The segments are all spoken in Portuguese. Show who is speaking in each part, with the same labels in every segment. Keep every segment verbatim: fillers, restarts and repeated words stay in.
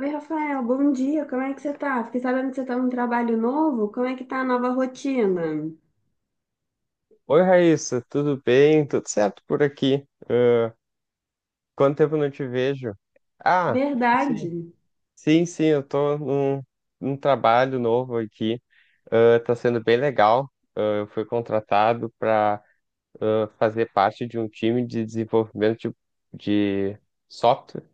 Speaker 1: Oi, Rafael, bom dia, como é que você tá? Fiquei sabendo que você tá num trabalho novo, como é que tá a nova rotina?
Speaker 2: Oi, Raíssa, tudo bem? Tudo certo por aqui? Ah, quanto tempo não te vejo? Ah, sim,
Speaker 1: Verdade.
Speaker 2: sim, sim, eu tô num, num trabalho novo aqui. Ah, tá sendo bem legal. Ah, eu fui contratado para fazer parte de um time de desenvolvimento de, de software,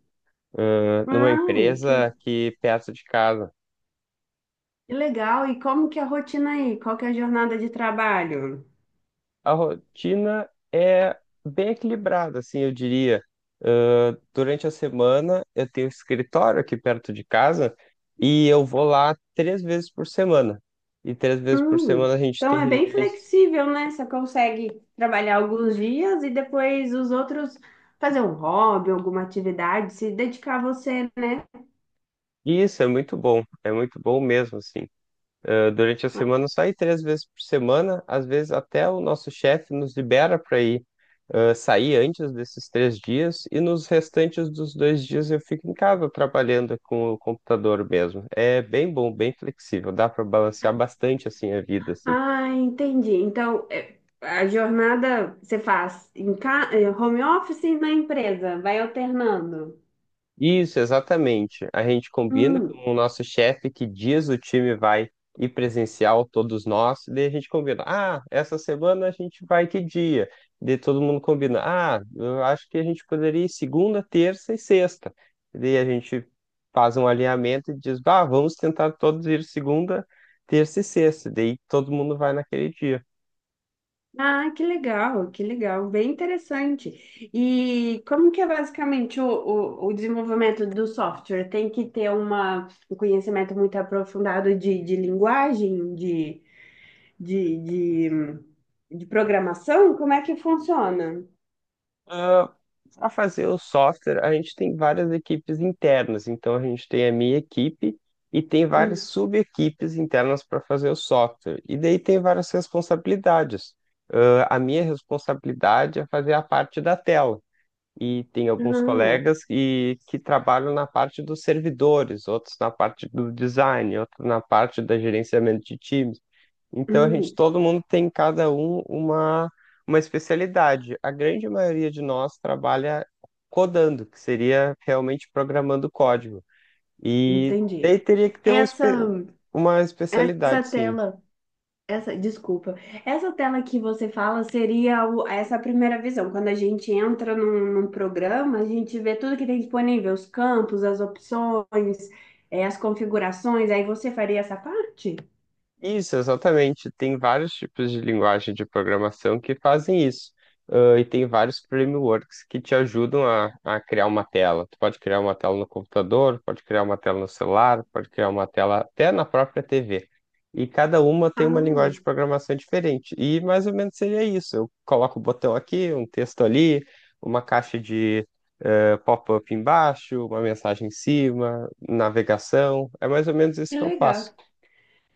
Speaker 2: ah, numa
Speaker 1: Ai, que,
Speaker 2: empresa aqui perto de casa.
Speaker 1: que legal. E como que é a rotina aí? Qual que é a jornada de trabalho?
Speaker 2: A rotina é bem equilibrada, assim, eu diria. Ah, durante a semana, eu tenho um escritório aqui perto de casa e eu vou lá três vezes por semana. E três vezes por
Speaker 1: Hum,
Speaker 2: semana a gente
Speaker 1: então
Speaker 2: tem
Speaker 1: é bem
Speaker 2: reuniões.
Speaker 1: flexível, né? Você consegue trabalhar alguns dias e depois os outros fazer um hobby, alguma atividade, se dedicar a você, né?
Speaker 2: Isso é muito bom, é muito bom mesmo, assim. Eh, durante a semana, só ir três vezes por semana. Às vezes, até o nosso chefe nos libera para ir eh, sair antes desses três dias, e nos restantes dos dois dias eu fico em casa trabalhando com o computador mesmo. É bem bom, bem flexível, dá para balancear bastante assim a vida, assim.
Speaker 1: Ah, entendi. Então, é, a jornada você faz em ca... eh, home office e na empresa, vai alternando.
Speaker 2: Isso, exatamente. A gente combina
Speaker 1: Hum.
Speaker 2: com o nosso chefe que dias o time vai ir presencial, todos nós, e daí a gente combina. Ah, essa semana a gente vai que dia? Daí todo mundo combina. Ah, eu acho que a gente poderia ir segunda, terça e sexta. E daí a gente faz um alinhamento e diz, bah, vamos tentar todos ir segunda, terça e sexta. E daí todo mundo vai naquele dia.
Speaker 1: Ah, que legal, que legal, bem interessante. E como que é basicamente o, o, o desenvolvimento do software? Tem que ter uma, um conhecimento muito aprofundado de, de linguagem, de, de, de, de programação? Como é que funciona?
Speaker 2: Para fazer o software, a gente tem várias equipes internas. Então, a gente tem a minha equipe e tem várias
Speaker 1: Hum.
Speaker 2: sub-equipes internas para fazer o software. E daí tem várias responsabilidades. Ah, a minha responsabilidade é fazer a parte da tela. E tem alguns
Speaker 1: Ah,
Speaker 2: colegas que, que trabalham na parte dos servidores, outros na parte do design, outros na parte da gerenciamento de times. Então a gente,
Speaker 1: hum,
Speaker 2: todo mundo tem cada um uma, uma especialidade. A grande maioria de nós trabalha codando, que seria realmente programando código. E
Speaker 1: entendi.
Speaker 2: daí teria que ter um espe-
Speaker 1: Essa.
Speaker 2: uma
Speaker 1: Essa
Speaker 2: especialidade, sim.
Speaker 1: tela, essa, desculpa, essa tela que você fala seria o- essa primeira visão. Quando a gente entra num, num programa, a gente vê tudo que tem disponível, os campos, as opções, eh, as configurações. Aí você faria essa parte?
Speaker 2: Isso, exatamente. Tem vários tipos de linguagem de programação que fazem isso. Ah, e tem vários frameworks que te ajudam a, a criar uma tela. Tu pode criar uma tela no computador, pode criar uma tela no celular, pode criar uma tela até na própria T V. E cada uma tem uma
Speaker 1: Ah,
Speaker 2: linguagem de programação diferente. E mais ou menos seria isso. Eu coloco um botão aqui, um texto ali, uma caixa de eh, pop-up embaixo, uma mensagem em cima, navegação. É mais ou menos isso
Speaker 1: que
Speaker 2: que eu faço.
Speaker 1: legal.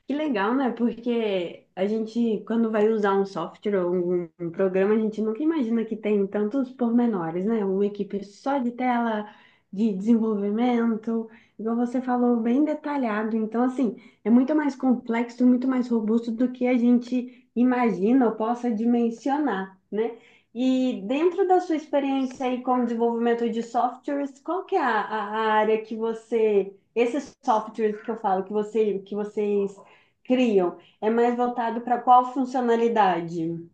Speaker 1: Que legal, né? Porque a gente, quando vai usar um software ou um, um programa, a gente nunca imagina que tem tantos pormenores, né? Uma equipe só de tela, de desenvolvimento, igual você falou, bem detalhado. Então, assim, é muito mais complexo, muito mais robusto do que a gente imagina ou possa dimensionar, né? E dentro da sua experiência aí com desenvolvimento de softwares, qual que é a, a a área que você esses softwares que eu falo, que você, que vocês criam. É mais voltado para qual funcionalidade?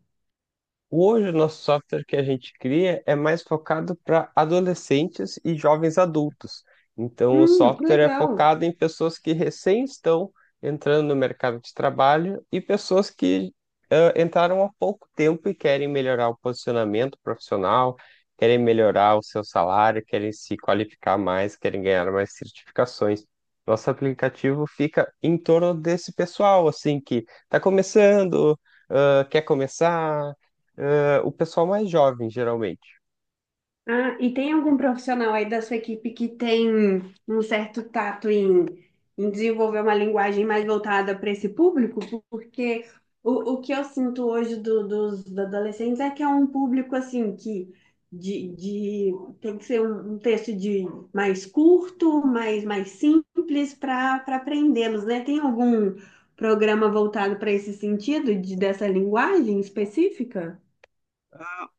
Speaker 2: Hoje, o nosso software que a gente cria é mais focado para adolescentes e jovens adultos. Então, o
Speaker 1: Hum, que
Speaker 2: software é
Speaker 1: legal.
Speaker 2: focado em pessoas que recém estão entrando no mercado de trabalho e pessoas que ah, entraram há pouco tempo e querem melhorar o posicionamento profissional, querem melhorar o seu salário, querem se qualificar mais, querem ganhar mais certificações. Nosso aplicativo fica em torno desse pessoal, assim, que está começando, ah, quer começar eh, o pessoal mais jovem, geralmente.
Speaker 1: Ah, e tem algum profissional aí da sua equipe que tem um certo tato em, em desenvolver uma linguagem mais voltada para esse público? Porque o, o que eu sinto hoje do- dos adolescentes é que é um público assim que de, de- tem que ser um, um texto de mais curto, mais, mais simples para para aprendê-los, né? Tem algum programa voltado para esse sentido de, dessa linguagem específica?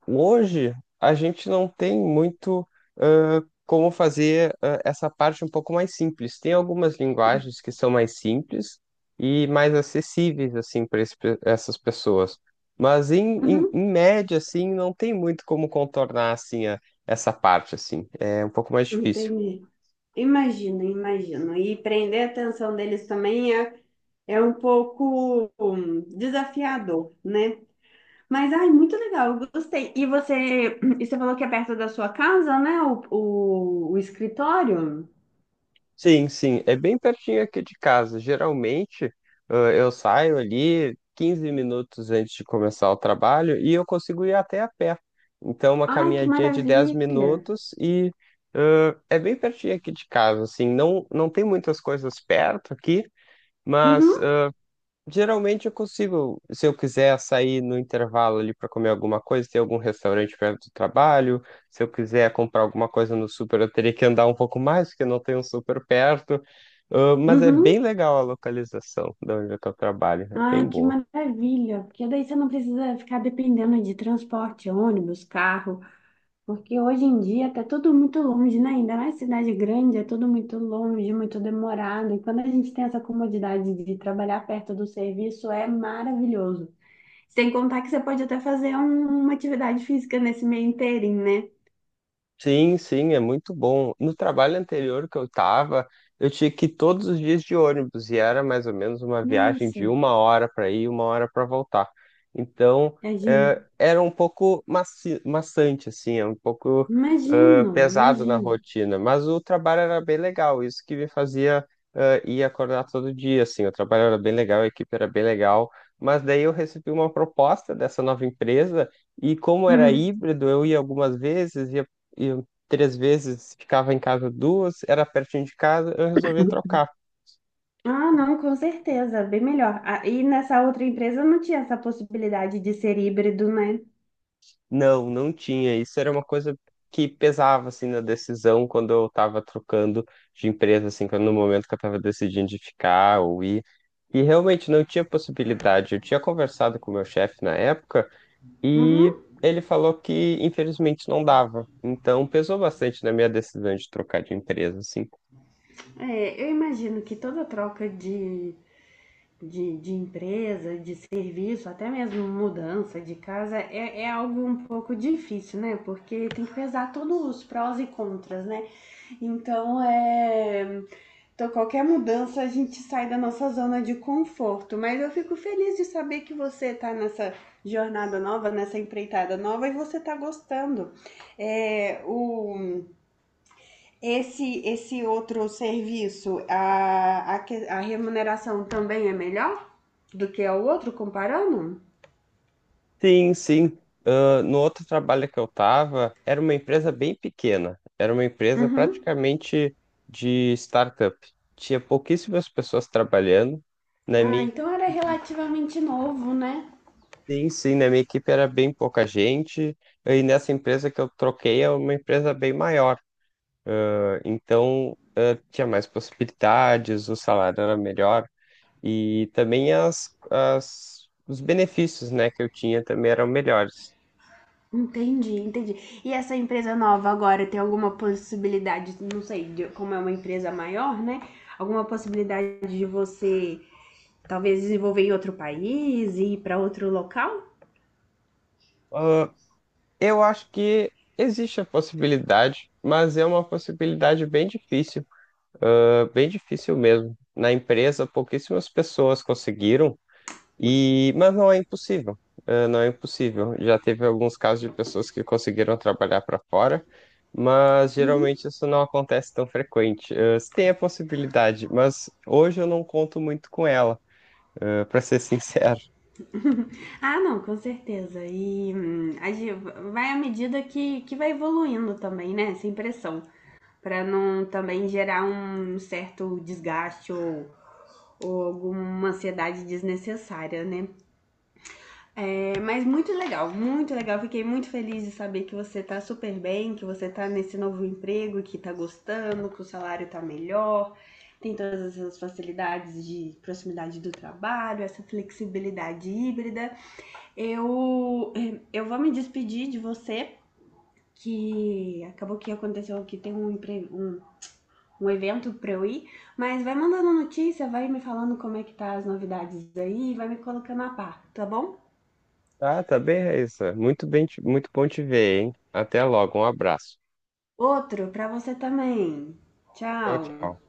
Speaker 2: Hoje, a gente não tem muito eh, como fazer eh, essa parte um pouco mais simples. Tem algumas linguagens que são mais simples e mais acessíveis, assim, para essas pessoas. Mas, em, em,
Speaker 1: Uhum,
Speaker 2: em média, assim, não tem muito como contornar, assim, a- essa parte, assim. É um pouco mais difícil.
Speaker 1: entendi. Imagino, imagino. E prender a atenção deles também é, é um pouco hum, desafiador, né? Mas, ai, muito legal, eu gostei. E você, e você falou que é perto da sua casa, né? O, o, o escritório?
Speaker 2: Sim, sim, é bem pertinho aqui de casa. Geralmente, ãh, eu saio ali quinze minutos antes de começar o trabalho e eu consigo ir até a pé. Então, uma
Speaker 1: Ai, que
Speaker 2: caminhadinha de dez
Speaker 1: maravilha.
Speaker 2: minutos e ãh, é bem pertinho aqui de casa, assim, não, não tem muitas coisas perto aqui,
Speaker 1: Uhum,
Speaker 2: mas geralmente eu consigo, se eu quiser sair no intervalo ali para comer alguma coisa, tem algum restaurante perto do trabalho. Se eu quiser comprar alguma coisa no super, eu teria que andar um pouco mais, porque não tem um super perto. Ah, mas é bem
Speaker 1: uhum.
Speaker 2: legal a localização de onde é que eu trabalho, é bem
Speaker 1: Ai, que
Speaker 2: boa.
Speaker 1: maravilha. Porque daí você não precisa ficar dependendo de transporte, ônibus, carro. Porque hoje em dia tá tudo muito longe, né? Ainda mais cidade grande, é tudo muito longe, muito demorado. E quando a gente tem essa comodidade de trabalhar perto do serviço, é maravilhoso. Sem contar que você pode até fazer um- uma atividade física nesse meio inteirinho, né?
Speaker 2: Sim, sim, é muito bom. No trabalho anterior que eu tava, eu tinha que ir todos os dias de ônibus e era mais ou menos uma viagem
Speaker 1: Nossa,
Speaker 2: de uma hora para ir e uma hora para voltar. Então,
Speaker 1: é
Speaker 2: eh,
Speaker 1: de-
Speaker 2: era um pouco maci maçante, assim, é um pouco eh,
Speaker 1: imagino,
Speaker 2: pesado na
Speaker 1: imagino.
Speaker 2: rotina, mas o trabalho era bem legal, isso que me fazia eh, ir acordar todo dia, assim, o trabalho era bem legal, a equipe era bem legal, mas daí eu recebi uma proposta dessa nova empresa. E como era
Speaker 1: Uhum.
Speaker 2: híbrido, eu ia algumas vezes, ia eu três vezes ficava em casa duas, era pertinho de casa, eu resolvia trocar.
Speaker 1: Ah, não, com certeza, bem melhor. Ah, e nessa outra empresa não tinha essa possibilidade de ser híbrido, né?
Speaker 2: Não, não tinha. Isso era uma coisa que pesava assim na decisão quando eu estava trocando de empresa, assim, quando no momento que eu estava decidindo de ficar ou ir. E realmente não tinha possibilidade. Eu tinha conversado com o meu chefe na época
Speaker 1: Uhum.
Speaker 2: e ele falou que infelizmente não dava. Então pesou bastante na minha decisão de trocar de empresa, assim.
Speaker 1: É, eu imagino que toda troca de de, de empresa, de serviço, até mesmo mudança de casa, é, é algo um pouco difícil, né? Porque tem que pesar todos os prós e contras, né? Então, é, então, qualquer mudança a gente sai da nossa zona de conforto. Mas eu fico feliz de saber que você tá nessa jornada nova, nessa empreitada nova e você tá gostando. É, o esse, esse outro serviço, a, a, que- a remuneração também é melhor do que o outro, comparando?
Speaker 2: Sim, sim. Ah, no outro trabalho que eu estava, era uma empresa bem pequena, era uma empresa
Speaker 1: Uhum.
Speaker 2: praticamente de startup. Tinha pouquíssimas pessoas trabalhando. Na
Speaker 1: Ah,
Speaker 2: minha
Speaker 1: então era
Speaker 2: equipe,
Speaker 1: relativamente novo, né?
Speaker 2: sim, sim, na minha equipe era bem pouca gente. E nessa empresa que eu troquei é uma empresa bem maior. Então, eh, tinha mais possibilidades, o salário era melhor e também as, as, os benefícios, né, que eu tinha também eram melhores.
Speaker 1: Entendi, entendi. E essa empresa nova agora tem alguma possibilidade, não sei, de- como é uma empresa maior, né? Alguma possibilidade de você talvez desenvolver em outro país e ir para outro local?
Speaker 2: Ah, eu acho que existe a possibilidade, mas é uma possibilidade bem difícil, ah, bem difícil mesmo. Na empresa, pouquíssimas pessoas conseguiram, e mas não é impossível, ah, não é impossível. Já teve alguns casos de pessoas que conseguiram trabalhar para fora, mas geralmente isso não acontece tão frequente. Ah, se tem a possibilidade, mas hoje eu não conto muito com ela, para ser sincero.
Speaker 1: Ah, não, com certeza. E hum, a gente vai à medida que, que vai evoluindo também, né? Sem pressão. Para não também gerar um certo desgaste ou, ou alguma ansiedade desnecessária, né? É, mas muito legal, muito legal. Fiquei muito feliz de saber que você tá super bem, que você tá nesse novo emprego, que tá gostando, que o salário tá melhor. Tem todas essas facilidades de proximidade do trabalho, essa flexibilidade híbrida. Eu, eh, eu vou me despedir de você, que acabou que aconteceu que tem um, um, um evento pra eu ir, mas vai mandando notícia, vai me falando como é que tá as novidades aí, vai me colocando a par, tá bom?
Speaker 2: Ah, tá bem, Raíssa. Muito bem, te- muito bom te ver, hein? Até logo, um abraço.
Speaker 1: Outro pra você também.
Speaker 2: Tchau,
Speaker 1: Tchau.
Speaker 2: tchau.